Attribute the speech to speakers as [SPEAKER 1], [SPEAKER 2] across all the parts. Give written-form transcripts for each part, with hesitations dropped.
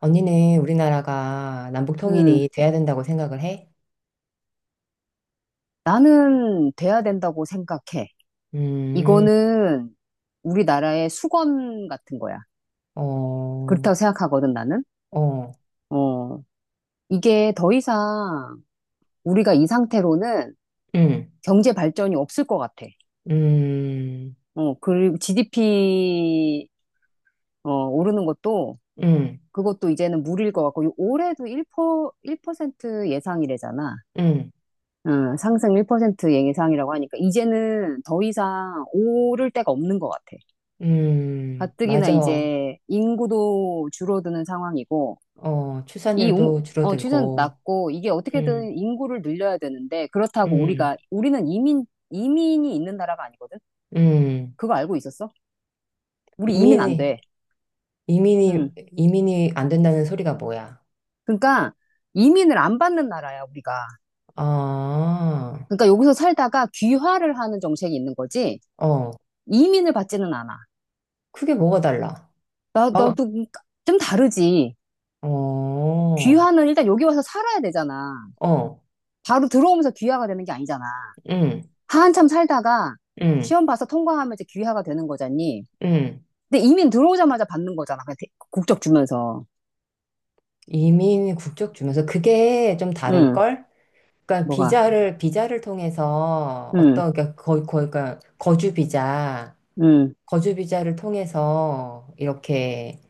[SPEAKER 1] 언니는 우리나라가 남북
[SPEAKER 2] 음,
[SPEAKER 1] 통일이 돼야 된다고 생각을 해?
[SPEAKER 2] 나는 돼야 된다고 생각해.
[SPEAKER 1] 음,
[SPEAKER 2] 이거는 우리나라의 수건 같은 거야.
[SPEAKER 1] 어,
[SPEAKER 2] 그렇다고 생각하거든, 나는.
[SPEAKER 1] 어,
[SPEAKER 2] 어, 이게 더 이상 우리가 이 상태로는
[SPEAKER 1] 음,
[SPEAKER 2] 경제 발전이 없을 것 같아.
[SPEAKER 1] 음,
[SPEAKER 2] 그리고 GDP, 오르는 것도
[SPEAKER 1] 음,
[SPEAKER 2] 그것도 이제는 무리일 것 같고, 올해도 1%, 트 예상이래잖아.
[SPEAKER 1] 음,
[SPEAKER 2] 응, 상승 1% 예상이라고 하니까 이제는 더 이상 오를 데가 없는 것 같아. 가뜩이나
[SPEAKER 1] 맞아.
[SPEAKER 2] 이제 인구도 줄어드는 상황이고,
[SPEAKER 1] 어,
[SPEAKER 2] 이 용-
[SPEAKER 1] 출산율도
[SPEAKER 2] 출산
[SPEAKER 1] 줄어들고,
[SPEAKER 2] 낮고, 이게
[SPEAKER 1] 음,
[SPEAKER 2] 어떻게든 인구를 늘려야 되는데, 그렇다고
[SPEAKER 1] 음,
[SPEAKER 2] 우리가, 우리는 이민이 있는 나라가 아니거든?
[SPEAKER 1] 음,
[SPEAKER 2] 그거 알고 있었어? 우리 이민 안
[SPEAKER 1] 이민이,
[SPEAKER 2] 돼. 음.
[SPEAKER 1] 이민이 안 된다는 소리가 뭐야?
[SPEAKER 2] 그러니까, 이민을 안 받는 나라야, 우리가.
[SPEAKER 1] 아,
[SPEAKER 2] 그러니까 여기서 살다가 귀화를 하는 정책이 있는 거지,
[SPEAKER 1] 어,
[SPEAKER 2] 이민을 받지는 않아.
[SPEAKER 1] 그게 뭐가 달라? 막,
[SPEAKER 2] 나도 좀 다르지.
[SPEAKER 1] 어,
[SPEAKER 2] 귀화는 일단 여기 와서 살아야 되잖아.
[SPEAKER 1] 어,
[SPEAKER 2] 바로 들어오면서 귀화가 되는 게 아니잖아.
[SPEAKER 1] 음,
[SPEAKER 2] 한참 살다가
[SPEAKER 1] 음,
[SPEAKER 2] 시험 봐서 통과하면 이제 귀화가 되는 거잖니.
[SPEAKER 1] 음.
[SPEAKER 2] 근데 이민 들어오자마자 받는 거잖아. 그냥 국적 주면서.
[SPEAKER 1] 이민 국적 주면서 그게 좀
[SPEAKER 2] 응,
[SPEAKER 1] 다를걸? 그러니까
[SPEAKER 2] 뭐가.
[SPEAKER 1] 비자를 통해서
[SPEAKER 2] 응,
[SPEAKER 1] 어떤 그러니까 그러니까 거주 비자
[SPEAKER 2] 응,
[SPEAKER 1] 거주 비자를 통해서 이렇게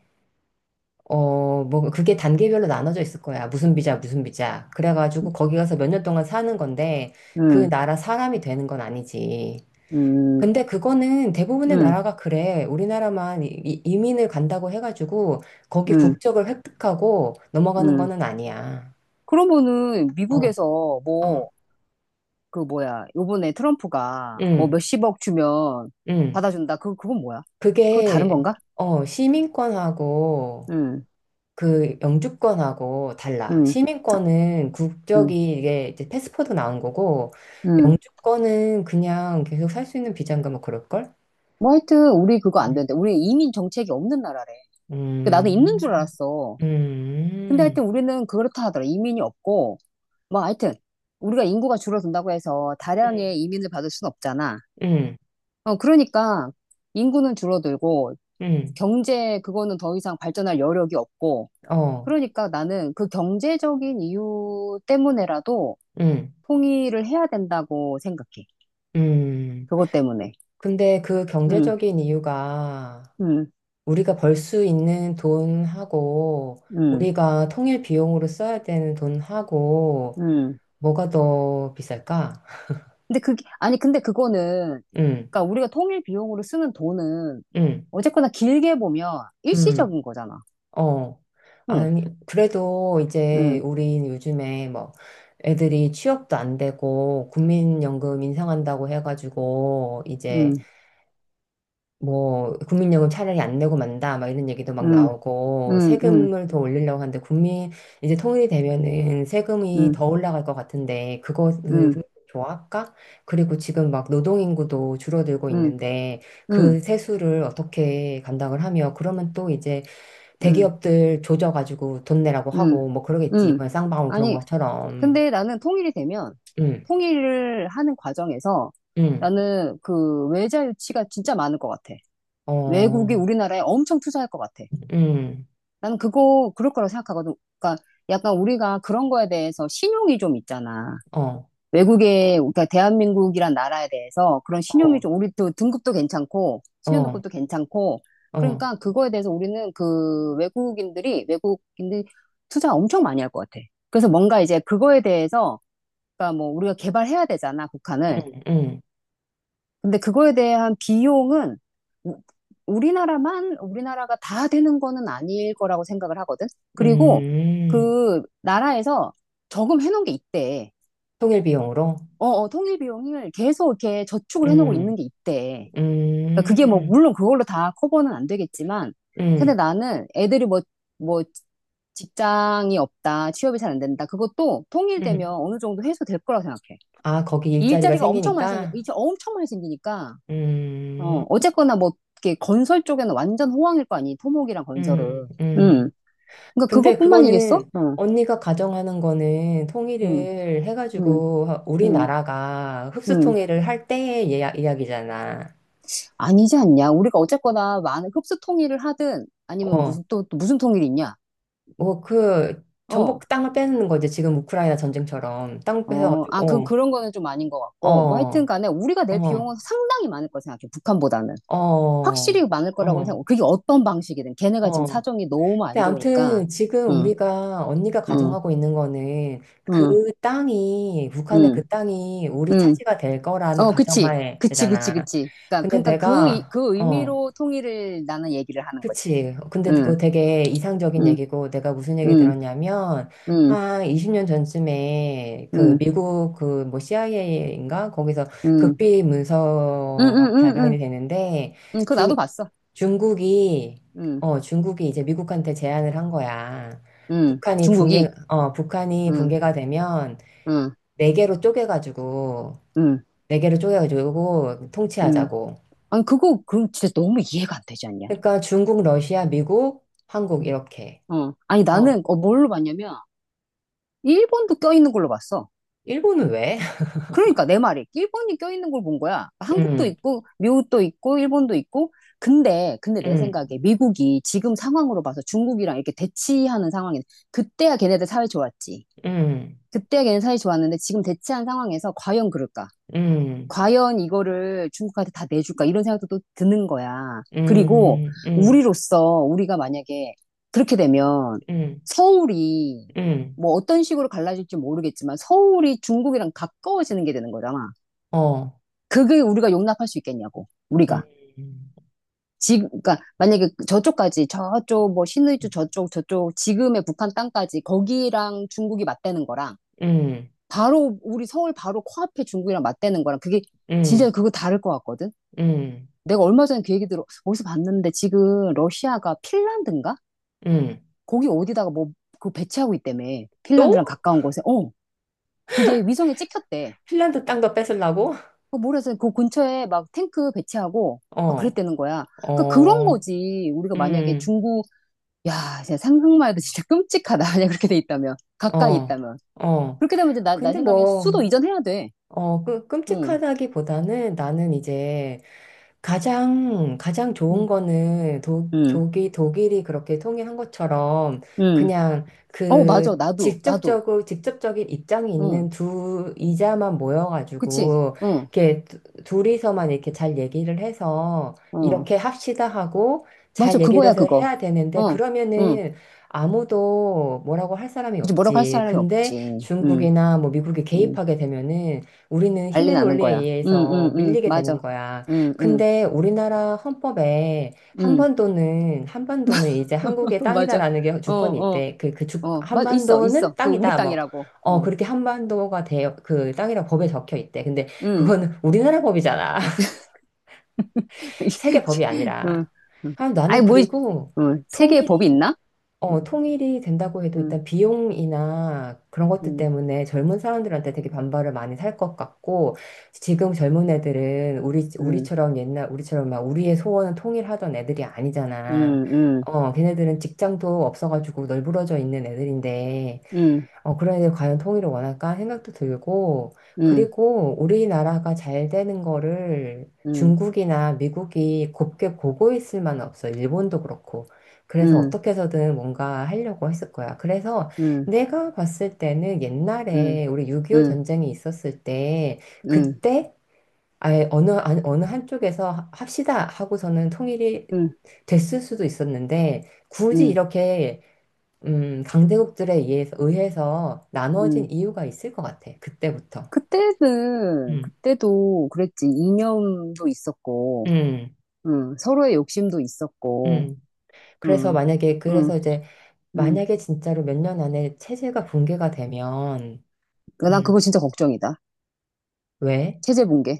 [SPEAKER 1] 어 뭐 그게 단계별로 나눠져 있을 거야. 무슨 비자 무슨 비자. 그래가지고 거기 가서 몇 년 동안 사는 건데
[SPEAKER 2] 응,
[SPEAKER 1] 그 나라 사람이 되는 건 아니지.
[SPEAKER 2] 응,
[SPEAKER 1] 근데 그거는 대부분의
[SPEAKER 2] 응,
[SPEAKER 1] 나라가 그래. 우리나라만 이민을 간다고 해가지고 거기
[SPEAKER 2] 응,
[SPEAKER 1] 국적을 획득하고 넘어가는
[SPEAKER 2] 응.
[SPEAKER 1] 거는 아니야.
[SPEAKER 2] 그러면은 미국에서
[SPEAKER 1] 어,
[SPEAKER 2] 뭐, 그 뭐야, 요번에 트럼프가 뭐
[SPEAKER 1] 응
[SPEAKER 2] 몇십억 주면
[SPEAKER 1] 응
[SPEAKER 2] 받아준다. 그건 뭐야? 그거 다른
[SPEAKER 1] 그게,
[SPEAKER 2] 건가?
[SPEAKER 1] 어, 시민권하고
[SPEAKER 2] 응,
[SPEAKER 1] 그 영주권하고 달라.
[SPEAKER 2] 응,
[SPEAKER 1] 시민권은
[SPEAKER 2] 응,
[SPEAKER 1] 국적이 이게 이제 패스포드 나온 거고,
[SPEAKER 2] 응.
[SPEAKER 1] 영주권은 그냥 계속 살 수 있는 비자인가 뭐 그럴걸?
[SPEAKER 2] 뭐 하여튼 우리 그거 안
[SPEAKER 1] 어.
[SPEAKER 2] 되는데. 우리 이민 정책이 없는 나라래. 그 나는 있는 줄
[SPEAKER 1] 음,
[SPEAKER 2] 알았어. 근데
[SPEAKER 1] 음,
[SPEAKER 2] 하여튼 우리는 그렇다 하더라. 이민이 없고, 뭐 하여튼, 우리가 인구가 줄어든다고 해서
[SPEAKER 1] 음,
[SPEAKER 2] 다량의 이민을 받을 순 없잖아.
[SPEAKER 1] 음,
[SPEAKER 2] 그러니까 인구는 줄어들고,
[SPEAKER 1] 음,
[SPEAKER 2] 경제 그거는 더 이상 발전할 여력이 없고,
[SPEAKER 1] 어,
[SPEAKER 2] 그러니까 나는 그 경제적인 이유 때문에라도
[SPEAKER 1] 음,
[SPEAKER 2] 통일을 해야 된다고 생각해.
[SPEAKER 1] 음.
[SPEAKER 2] 그것 때문에.
[SPEAKER 1] 근데 그
[SPEAKER 2] 음,
[SPEAKER 1] 경제적인 이유가
[SPEAKER 2] 음,
[SPEAKER 1] 우리가 벌 수 있는 돈하고
[SPEAKER 2] 음,
[SPEAKER 1] 우리가 통일 비용으로 써야 되는 돈하고
[SPEAKER 2] 음.
[SPEAKER 1] 뭐가 더 비쌀까?
[SPEAKER 2] 근데 그게, 아니, 근데 그거는,
[SPEAKER 1] 응,
[SPEAKER 2] 그러니까 우리가 통일 비용으로 쓰는 돈은
[SPEAKER 1] 응,
[SPEAKER 2] 어쨌거나 길게 보면
[SPEAKER 1] 응,
[SPEAKER 2] 일시적인 거잖아.
[SPEAKER 1] 어.
[SPEAKER 2] 응,
[SPEAKER 1] 아니, 그래도 이제
[SPEAKER 2] 응,
[SPEAKER 1] 우린 요즘에 뭐 애들이 취업도 안 되고 국민연금 인상한다고 해가지고 이제
[SPEAKER 2] 응,
[SPEAKER 1] 뭐 국민연금 차라리 안 내고 만다 막 이런 얘기도 막
[SPEAKER 2] 응,
[SPEAKER 1] 나오고
[SPEAKER 2] 응, 응,
[SPEAKER 1] 세금을 더 올리려고 하는데 국민 이제 통일이 되면은 세금이
[SPEAKER 2] 응,
[SPEAKER 1] 더 올라갈 것 같은데 그거 그
[SPEAKER 2] 응,
[SPEAKER 1] 국민 좋아할까? 그리고 지금 막 노동인구도 줄어들고
[SPEAKER 2] 응,
[SPEAKER 1] 있는데
[SPEAKER 2] 응,
[SPEAKER 1] 그 세수를 어떻게 감당을 하며 그러면 또 이제
[SPEAKER 2] 응,
[SPEAKER 1] 대기업들 조져가지고 돈 내라고
[SPEAKER 2] 응,
[SPEAKER 1] 하고 뭐 그러겠지
[SPEAKER 2] 응.
[SPEAKER 1] 이번 쌍방울 그런
[SPEAKER 2] 아니,
[SPEAKER 1] 것처럼
[SPEAKER 2] 근데 나는 통일이 되면,
[SPEAKER 1] 응,
[SPEAKER 2] 통일을 하는 과정에서
[SPEAKER 1] 응,
[SPEAKER 2] 나는 그 외자 유치가 진짜 많을 것 같아. 외국이
[SPEAKER 1] 어,
[SPEAKER 2] 우리나라에 엄청 투자할 것 같아.
[SPEAKER 1] 응,
[SPEAKER 2] 나는 그거, 그럴 거라고 생각하거든. 그러니까 약간 우리가 그런 거에 대해서 신용이 좀 있잖아.
[SPEAKER 1] 어,
[SPEAKER 2] 외국에, 그러니까 대한민국이란 나라에 대해서 그런 신용이
[SPEAKER 1] 어,
[SPEAKER 2] 좀, 우리도 등급도 괜찮고,
[SPEAKER 1] 어,
[SPEAKER 2] 신용등급도 괜찮고,
[SPEAKER 1] 어,
[SPEAKER 2] 그러니까 그거에 대해서 우리는 그 외국인들이 투자 엄청 많이 할 것 같아. 그래서 뭔가 이제 그거에 대해서, 그러니까 뭐 우리가 개발해야 되잖아,
[SPEAKER 1] 응,
[SPEAKER 2] 북한을.
[SPEAKER 1] 응.
[SPEAKER 2] 근데 그거에 대한 비용은 우- 우리나라가 다 되는 거는 아닐 거라고 생각을 하거든. 그리고
[SPEAKER 1] 음,
[SPEAKER 2] 그 나라에서 저금해 놓은 게 있대.
[SPEAKER 1] 통일 비용으로?
[SPEAKER 2] 어, 어, 통일 비용을 계속 이렇게 저축을 해놓고 있는
[SPEAKER 1] 음,
[SPEAKER 2] 게 있대. 그러니까 그게 뭐,
[SPEAKER 1] 음,
[SPEAKER 2] 물론 그걸로 다 커버는 안 되겠지만, 근데
[SPEAKER 1] 음,
[SPEAKER 2] 나는 애들이 뭐, 뭐, 직장이 없다, 취업이 잘 안 된다. 그것도 통일되면
[SPEAKER 1] 음.
[SPEAKER 2] 어느 정도 해소될 거라고 생각해.
[SPEAKER 1] 아, 거기 일자리가
[SPEAKER 2] 일자리가 엄청 많이
[SPEAKER 1] 생기니까?
[SPEAKER 2] 이제 엄청 많이 생기니까,
[SPEAKER 1] 음,
[SPEAKER 2] 어쨌거나 뭐, 이렇게 건설 쪽에는 완전 호황일 거 아니, 토목이랑 건설은.
[SPEAKER 1] 음, 음.
[SPEAKER 2] 음. 그러니까
[SPEAKER 1] 근데
[SPEAKER 2] 그것뿐만이겠어?
[SPEAKER 1] 그거는
[SPEAKER 2] 응,
[SPEAKER 1] 언니가 가정하는 거는
[SPEAKER 2] 응,
[SPEAKER 1] 통일을
[SPEAKER 2] 응,
[SPEAKER 1] 해가지고
[SPEAKER 2] 응,
[SPEAKER 1] 우리나라가 흡수
[SPEAKER 2] 응.
[SPEAKER 1] 통일을 할 때의 이야기잖아.
[SPEAKER 2] 아니지 않냐? 우리가 어쨌거나 많은 흡수 통일을 하든 아니면
[SPEAKER 1] 어,
[SPEAKER 2] 무슨 또, 또 무슨 통일이 있냐?
[SPEAKER 1] 뭐 그
[SPEAKER 2] 어,
[SPEAKER 1] 정복 땅을 빼는 거지. 지금 우크라이나 전쟁처럼 땅
[SPEAKER 2] 어, 아,
[SPEAKER 1] 뺏어가지고,
[SPEAKER 2] 그런 거는 좀 아닌 것
[SPEAKER 1] 어,
[SPEAKER 2] 같고. 뭐 하여튼
[SPEAKER 1] 어,
[SPEAKER 2] 간에 우리가 낼 비용은
[SPEAKER 1] 어,
[SPEAKER 2] 상당히 많을 거라 생각해. 북한보다는.
[SPEAKER 1] 어,
[SPEAKER 2] 확실히 많을 거라고
[SPEAKER 1] 어.
[SPEAKER 2] 생각해. 그게 어떤 방식이든. 걔네가 지금
[SPEAKER 1] 어.
[SPEAKER 2] 사정이 너무
[SPEAKER 1] 근데
[SPEAKER 2] 안 좋으니까.
[SPEAKER 1] 아무튼 지금
[SPEAKER 2] 응,
[SPEAKER 1] 우리가 언니가
[SPEAKER 2] 응,
[SPEAKER 1] 가정하고 있는 거는
[SPEAKER 2] 응,
[SPEAKER 1] 그 땅이 북한의
[SPEAKER 2] 응,
[SPEAKER 1] 그 땅이 우리
[SPEAKER 2] 응.
[SPEAKER 1] 차지가 될 거라는
[SPEAKER 2] 어, 그치.
[SPEAKER 1] 가정하에잖아.
[SPEAKER 2] 그치. 그니까,
[SPEAKER 1] 근데
[SPEAKER 2] 그니까
[SPEAKER 1] 내가
[SPEAKER 2] 그
[SPEAKER 1] 어
[SPEAKER 2] 의미로 통일을 나는 얘기를 하는 거지.
[SPEAKER 1] 그치. 근데 그거
[SPEAKER 2] 응,
[SPEAKER 1] 되게 이상적인
[SPEAKER 2] 응,
[SPEAKER 1] 얘기고 내가 무슨 얘기
[SPEAKER 2] 응,
[SPEAKER 1] 들었냐면
[SPEAKER 2] 응,
[SPEAKER 1] 한 20년 전쯤에 그
[SPEAKER 2] 응,
[SPEAKER 1] 미국 그 뭐 CIA인가 거기서
[SPEAKER 2] 응,
[SPEAKER 1] 극비
[SPEAKER 2] 응, 응,
[SPEAKER 1] 문서가
[SPEAKER 2] 응, 응.
[SPEAKER 1] 발견이 되는데
[SPEAKER 2] 응, 그거 나도
[SPEAKER 1] 중
[SPEAKER 2] 봤어.
[SPEAKER 1] 중국이,
[SPEAKER 2] 응,
[SPEAKER 1] 어, 중국이 이제 미국한테 제안을 한 거야.
[SPEAKER 2] 응, 중국이.
[SPEAKER 1] 북한이
[SPEAKER 2] 응,
[SPEAKER 1] 붕괴가 되면
[SPEAKER 2] 응,
[SPEAKER 1] 네 개로 쪼개가지고,
[SPEAKER 2] 응,
[SPEAKER 1] 네 개로 쪼개가지고
[SPEAKER 2] 응.
[SPEAKER 1] 통치하자고.
[SPEAKER 2] 아니, 그거, 그 진짜 너무 이해가 안 되지 않냐?
[SPEAKER 1] 그러니까 중국, 러시아, 미국, 한국 이렇게.
[SPEAKER 2] 어. 아니,
[SPEAKER 1] 어,
[SPEAKER 2] 나는, 어, 뭘로 봤냐면, 일본도 껴있는 걸로 봤어.
[SPEAKER 1] 일본은 왜?
[SPEAKER 2] 그러니까, 내 말이. 일본이 껴있는 걸 본 거야. 한국도
[SPEAKER 1] 음,
[SPEAKER 2] 있고, 미국도 있고, 일본도 있고. 근데 내
[SPEAKER 1] 음,
[SPEAKER 2] 생각에 미국이 지금 상황으로 봐서 중국이랑 이렇게 대치하는 상황이, 그때야 걔네들 사회 좋았지.
[SPEAKER 1] 음,
[SPEAKER 2] 그때야 걔네 사회 좋았는데, 지금 대치한 상황에서 과연 그럴까?
[SPEAKER 1] 음,
[SPEAKER 2] 과연 이거를 중국한테 다 내줄까 이런 생각도 또 드는 거야. 그리고
[SPEAKER 1] 음, 음,
[SPEAKER 2] 우리로서 우리가 만약에 그렇게 되면
[SPEAKER 1] 음,
[SPEAKER 2] 서울이
[SPEAKER 1] 음,
[SPEAKER 2] 뭐 어떤 식으로 갈라질지 모르겠지만 서울이 중국이랑 가까워지는 게 되는 거잖아.
[SPEAKER 1] 어,
[SPEAKER 2] 그게 우리가 용납할 수 있겠냐고.
[SPEAKER 1] 음,
[SPEAKER 2] 우리가. 지금 그러니까 만약에 저쪽까지 저쪽 뭐 신의주 저쪽 지금의 북한 땅까지 거기랑 중국이 맞대는 거랑
[SPEAKER 1] 음,
[SPEAKER 2] 바로 우리 서울 바로 코앞에 중국이랑 맞대는 거랑 그게 진짜
[SPEAKER 1] 음,
[SPEAKER 2] 그거 다를 것 같거든.
[SPEAKER 1] 음,
[SPEAKER 2] 내가 얼마 전에 그 얘기 들어, 어디서 봤는데 지금 러시아가 핀란드인가?
[SPEAKER 1] 음.
[SPEAKER 2] 거기 어디다가 뭐, 그 배치하고 있다며. 핀란드랑
[SPEAKER 1] 또?
[SPEAKER 2] 가까운 곳에. 어, 그게 위성에 찍혔대.
[SPEAKER 1] 핀란드 땅도 뺏으려고?
[SPEAKER 2] 그 모래에서 그 근처에 막 탱크 배치하고 막
[SPEAKER 1] 어.
[SPEAKER 2] 그랬다는 거야. 그러니까 그런
[SPEAKER 1] 어,
[SPEAKER 2] 거지. 우리가 만약에
[SPEAKER 1] 음,
[SPEAKER 2] 중국, 야, 진짜 상상만 해도 진짜 끔찍하다. 만약 그렇게 돼 있다면. 가까이
[SPEAKER 1] 어,
[SPEAKER 2] 있다면.
[SPEAKER 1] 어.
[SPEAKER 2] 그렇게 되면 이제 나
[SPEAKER 1] 근데
[SPEAKER 2] 생각엔
[SPEAKER 1] 뭐,
[SPEAKER 2] 수도 이전해야 돼.
[SPEAKER 1] 어, 그,
[SPEAKER 2] 응,
[SPEAKER 1] 끔찍하다기보다는 나는 이제 가장, 가장
[SPEAKER 2] 응,
[SPEAKER 1] 좋은 거는
[SPEAKER 2] 응,
[SPEAKER 1] 독일이 그렇게 통일한 것처럼
[SPEAKER 2] 응.
[SPEAKER 1] 그냥
[SPEAKER 2] 어, 맞아.
[SPEAKER 1] 그
[SPEAKER 2] 나도.
[SPEAKER 1] 직접적인 입장이
[SPEAKER 2] 응,
[SPEAKER 1] 있는 두 이자만
[SPEAKER 2] 그치.
[SPEAKER 1] 모여가지고
[SPEAKER 2] 응,
[SPEAKER 1] 이렇게 둘이서만 이렇게 잘 얘기를 해서
[SPEAKER 2] 응.
[SPEAKER 1] 이렇게 합시다 하고
[SPEAKER 2] 맞아,
[SPEAKER 1] 잘 얘기를
[SPEAKER 2] 그거야,
[SPEAKER 1] 해서
[SPEAKER 2] 그거.
[SPEAKER 1] 해야 되는데
[SPEAKER 2] 어, 응.
[SPEAKER 1] 그러면은 아무도 뭐라고 할 사람이
[SPEAKER 2] 그치, 뭐라고 할
[SPEAKER 1] 없지.
[SPEAKER 2] 사람이
[SPEAKER 1] 근데
[SPEAKER 2] 없지. 응,
[SPEAKER 1] 중국이나 뭐 미국이
[SPEAKER 2] 응.
[SPEAKER 1] 개입하게 되면은 우리는
[SPEAKER 2] 난리
[SPEAKER 1] 힘의
[SPEAKER 2] 나는
[SPEAKER 1] 논리에
[SPEAKER 2] 거야. 응, 응,
[SPEAKER 1] 의해서
[SPEAKER 2] 응.
[SPEAKER 1] 밀리게 되는
[SPEAKER 2] 맞아.
[SPEAKER 1] 거야.
[SPEAKER 2] 응, 응,
[SPEAKER 1] 근데 우리나라 헌법에
[SPEAKER 2] 응.
[SPEAKER 1] 한반도는 이제 한국의
[SPEAKER 2] 맞아.
[SPEAKER 1] 땅이다라는 게
[SPEAKER 2] 어,
[SPEAKER 1] 주권이
[SPEAKER 2] 어,
[SPEAKER 1] 있대. 그 그 주
[SPEAKER 2] 어. 있어.
[SPEAKER 1] 한반도는
[SPEAKER 2] 그, 우리
[SPEAKER 1] 땅이다. 뭐
[SPEAKER 2] 땅이라고.
[SPEAKER 1] 어,
[SPEAKER 2] 어,
[SPEAKER 1] 그렇게 한반도가 대, 그 땅이라고 법에 적혀 있대. 근데
[SPEAKER 2] 응.
[SPEAKER 1] 그거는 우리나라 법이잖아. 세계 법이
[SPEAKER 2] 응,
[SPEAKER 1] 아니라.
[SPEAKER 2] 응.
[SPEAKER 1] 아, 나는
[SPEAKER 2] 아니, 뭐,
[SPEAKER 1] 그리고
[SPEAKER 2] 응. 세계에 법이
[SPEAKER 1] 통일이
[SPEAKER 2] 있나? 응,
[SPEAKER 1] 통일이 된다고 해도
[SPEAKER 2] 응,
[SPEAKER 1] 일단 비용이나 그런 것들
[SPEAKER 2] 응,
[SPEAKER 1] 때문에 젊은 사람들한테 되게 반발을 많이 살 것 같고, 지금 젊은 애들은
[SPEAKER 2] 응,
[SPEAKER 1] 우리처럼 옛날, 우리처럼 막 우리의 소원은 통일하던 애들이 아니잖아.
[SPEAKER 2] 응, 응,
[SPEAKER 1] 어, 걔네들은 직장도 없어가지고 널브러져 있는 애들인데,
[SPEAKER 2] 응,
[SPEAKER 1] 어, 그런데 과연 통일을 원할까 생각도 들고,
[SPEAKER 2] 응,
[SPEAKER 1] 그리고 우리나라가 잘 되는 거를
[SPEAKER 2] 응,
[SPEAKER 1] 중국이나 미국이 곱게 보고 있을 만은 없어. 일본도 그렇고. 그래서
[SPEAKER 2] 응,
[SPEAKER 1] 어떻게 해서든 뭔가 하려고 했을 거야. 그래서
[SPEAKER 2] 응,
[SPEAKER 1] 내가 봤을 때는
[SPEAKER 2] 응,
[SPEAKER 1] 옛날에 우리 6.25
[SPEAKER 2] 응,
[SPEAKER 1] 전쟁이 있었을 때,
[SPEAKER 2] 응,
[SPEAKER 1] 그때 아예 어느 한쪽에서 합시다 하고서는 통일이
[SPEAKER 2] 응,
[SPEAKER 1] 됐을 수도 있었는데,
[SPEAKER 2] 응,
[SPEAKER 1] 굳이
[SPEAKER 2] 응.
[SPEAKER 1] 이렇게 강대국들에 의해서 나눠진
[SPEAKER 2] 응.
[SPEAKER 1] 이유가 있을 것 같아. 그때부터.
[SPEAKER 2] 그때는,
[SPEAKER 1] 음,
[SPEAKER 2] 그때도 그랬지. 이념도 있었고,
[SPEAKER 1] 음,
[SPEAKER 2] 응, 서로의 욕심도 있었고,
[SPEAKER 1] 음.
[SPEAKER 2] 응, 응,
[SPEAKER 1] 그래서 이제,
[SPEAKER 2] 응.
[SPEAKER 1] 만약에 진짜로 몇 년 안에 체제가 붕괴가 되면,
[SPEAKER 2] 난
[SPEAKER 1] 음,
[SPEAKER 2] 그거 진짜 걱정이다.
[SPEAKER 1] 왜?
[SPEAKER 2] 체제 붕괴.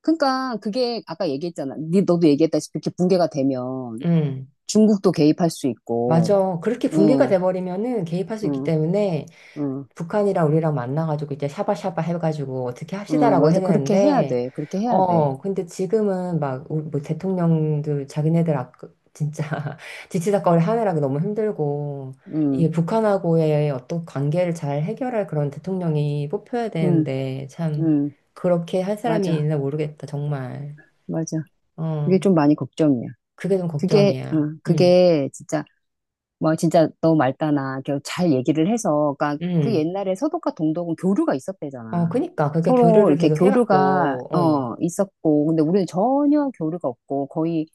[SPEAKER 2] 그러니까 그게 아까 얘기했잖아. 니 너도 얘기했다시피 이렇게 붕괴가 되면
[SPEAKER 1] 음,
[SPEAKER 2] 중국도 개입할 수 있고,
[SPEAKER 1] 맞아. 그렇게 붕괴가
[SPEAKER 2] 응,
[SPEAKER 1] 돼버리면은 개입할 수 있기
[SPEAKER 2] 응,
[SPEAKER 1] 때문에
[SPEAKER 2] 응,
[SPEAKER 1] 북한이랑 우리랑 만나가지고 이제 샤바샤바 해가지고 어떻게
[SPEAKER 2] 응,
[SPEAKER 1] 합시다라고
[SPEAKER 2] 맞아.
[SPEAKER 1] 해냈는데,
[SPEAKER 2] 그렇게 해야 돼.
[SPEAKER 1] 어, 근데 지금은 막, 우리 뭐 대통령들, 자기네들 아, 진짜 지치다꺼리 하느라 너무 힘들고,
[SPEAKER 2] 응,
[SPEAKER 1] 이 북한하고의 어떤 관계를 잘 해결할 그런 대통령이 뽑혀야
[SPEAKER 2] 응,
[SPEAKER 1] 되는데, 참,
[SPEAKER 2] 응,
[SPEAKER 1] 그렇게 할 사람이
[SPEAKER 2] 맞아,
[SPEAKER 1] 있나 모르겠다, 정말.
[SPEAKER 2] 맞아. 그게
[SPEAKER 1] 어,
[SPEAKER 2] 좀 많이 걱정이야.
[SPEAKER 1] 그게 좀
[SPEAKER 2] 그게,
[SPEAKER 1] 걱정이야.
[SPEAKER 2] 응, 그게 진짜 뭐 진짜 너 말다나 그잘 얘기를 해서 그러니까 그
[SPEAKER 1] 음.
[SPEAKER 2] 옛날에 서독과 동독은 교류가
[SPEAKER 1] 어,
[SPEAKER 2] 있었대잖아.
[SPEAKER 1] 그니까. 그러니까
[SPEAKER 2] 서로
[SPEAKER 1] 교류를
[SPEAKER 2] 이렇게
[SPEAKER 1] 계속
[SPEAKER 2] 교류가
[SPEAKER 1] 해갖고, 어,
[SPEAKER 2] 어 있었고 근데 우리는 전혀 교류가 없고 거의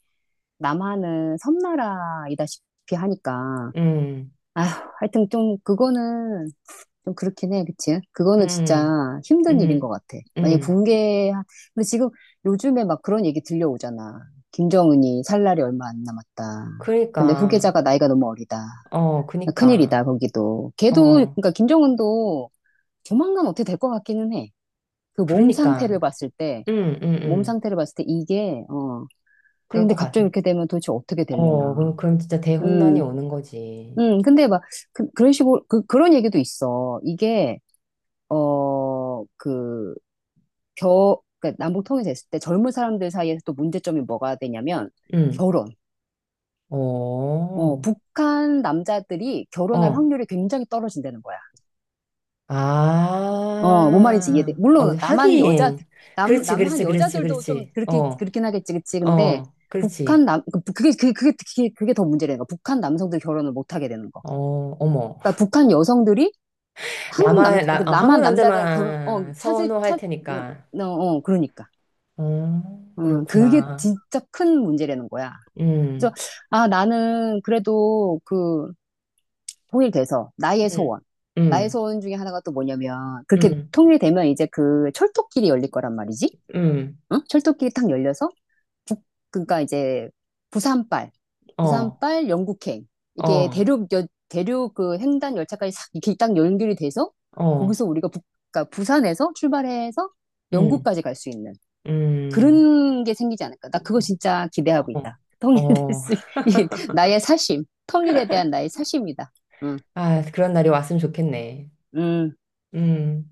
[SPEAKER 2] 남한은 섬나라이다시피 하니까
[SPEAKER 1] 음,
[SPEAKER 2] 아휴 하여튼 좀 그거는 좀 그렇긴 해 그치? 그거는
[SPEAKER 1] 음.
[SPEAKER 2] 진짜 힘든 일인 것
[SPEAKER 1] 음,
[SPEAKER 2] 같아. 만약에
[SPEAKER 1] 음.
[SPEAKER 2] 붕괴 근데 지금 요즘에 막 그런 얘기 들려오잖아. 김정은이 살 날이 얼마 안 남았다. 근데
[SPEAKER 1] 그러니까,
[SPEAKER 2] 후계자가 나이가 너무 어리다.
[SPEAKER 1] 어, 그니까,
[SPEAKER 2] 큰일이다, 거기도. 걔도,
[SPEAKER 1] 어,
[SPEAKER 2] 그러니까 김정은도 조만간 어떻게 될 것 같기는 해. 그 몸 상태를
[SPEAKER 1] 그러니까,
[SPEAKER 2] 봤을 때,
[SPEAKER 1] 음, 음,
[SPEAKER 2] 몸
[SPEAKER 1] 음.
[SPEAKER 2] 상태를 봤을 때 이게, 어.
[SPEAKER 1] 그럴
[SPEAKER 2] 근데
[SPEAKER 1] 것
[SPEAKER 2] 갑자기
[SPEAKER 1] 같아.
[SPEAKER 2] 이렇게 되면 도대체 어떻게 될려나.
[SPEAKER 1] 어, 그럼, 진짜 대혼란이
[SPEAKER 2] 음,
[SPEAKER 1] 오는 거지.
[SPEAKER 2] 근데 막, 그, 런 식으로, 그, 그런 얘기도 있어. 이게, 어, 그, 그러니까 남북 통일이 됐을 때 젊은 사람들 사이에서 또 문제점이 뭐가 되냐면,
[SPEAKER 1] 음,
[SPEAKER 2] 결혼.
[SPEAKER 1] 어,
[SPEAKER 2] 어, 북한 남자들이 결혼할
[SPEAKER 1] 어,
[SPEAKER 2] 확률이 굉장히 떨어진다는 거야. 어, 뭔 말인지 이해돼.
[SPEAKER 1] 아, 어,
[SPEAKER 2] 물론
[SPEAKER 1] 하긴. 그렇지,
[SPEAKER 2] 남한
[SPEAKER 1] 그렇지, 그렇지,
[SPEAKER 2] 여자들도 좀
[SPEAKER 1] 그렇지.
[SPEAKER 2] 그렇게
[SPEAKER 1] 어,
[SPEAKER 2] 그렇긴 하겠지, 그치? 근데
[SPEAKER 1] 어, 그렇지.
[SPEAKER 2] 그게 더 문제라는 거. 북한 남성들 결혼을 못 하게 되는 거.
[SPEAKER 1] 어, 어머.
[SPEAKER 2] 그러니까 북한 여성들이
[SPEAKER 1] 남
[SPEAKER 2] 한국 남
[SPEAKER 1] 만
[SPEAKER 2] 그
[SPEAKER 1] 나, 어, 한국
[SPEAKER 2] 남한 남자랑 결혼 어
[SPEAKER 1] 남자만
[SPEAKER 2] 찾을
[SPEAKER 1] 선호할
[SPEAKER 2] 찾
[SPEAKER 1] 테니까.
[SPEAKER 2] 어, 어 그러니까.
[SPEAKER 1] 어,
[SPEAKER 2] 그게
[SPEAKER 1] 그렇구나.
[SPEAKER 2] 진짜 큰 문제라는 거야. 그래서
[SPEAKER 1] 음,
[SPEAKER 2] 아 나는 그래도 그 통일돼서 나의
[SPEAKER 1] 음,
[SPEAKER 2] 소원. 나의
[SPEAKER 1] 음.
[SPEAKER 2] 소원 중에 하나가 또 뭐냐면 그렇게
[SPEAKER 1] 응,
[SPEAKER 2] 통일되면 이제 그 철도길이 열릴 거란 말이지.
[SPEAKER 1] 응,
[SPEAKER 2] 어? 철도길이 탁 열려서 북 그러니까 이제 부산발
[SPEAKER 1] 어,
[SPEAKER 2] 부산발 영국행 이게
[SPEAKER 1] 어,
[SPEAKER 2] 대륙 그 횡단 열차까지 싹 이렇게 딱 연결이 돼서
[SPEAKER 1] 어,
[SPEAKER 2] 거기서 우리가 북 그러니까 부산에서 출발해서
[SPEAKER 1] 응,
[SPEAKER 2] 영국까지 갈 수 있는
[SPEAKER 1] 응,
[SPEAKER 2] 그런 게 생기지 않을까? 나 그거
[SPEAKER 1] 어,
[SPEAKER 2] 진짜 기대하고 있다.
[SPEAKER 1] 어,
[SPEAKER 2] 통일될
[SPEAKER 1] 어.
[SPEAKER 2] 수, 이 나의 사심, 통일에 대한 나의 사심이다. 응,
[SPEAKER 1] 아, 그런 날이 왔으면 좋겠네.
[SPEAKER 2] 응.
[SPEAKER 1] 음.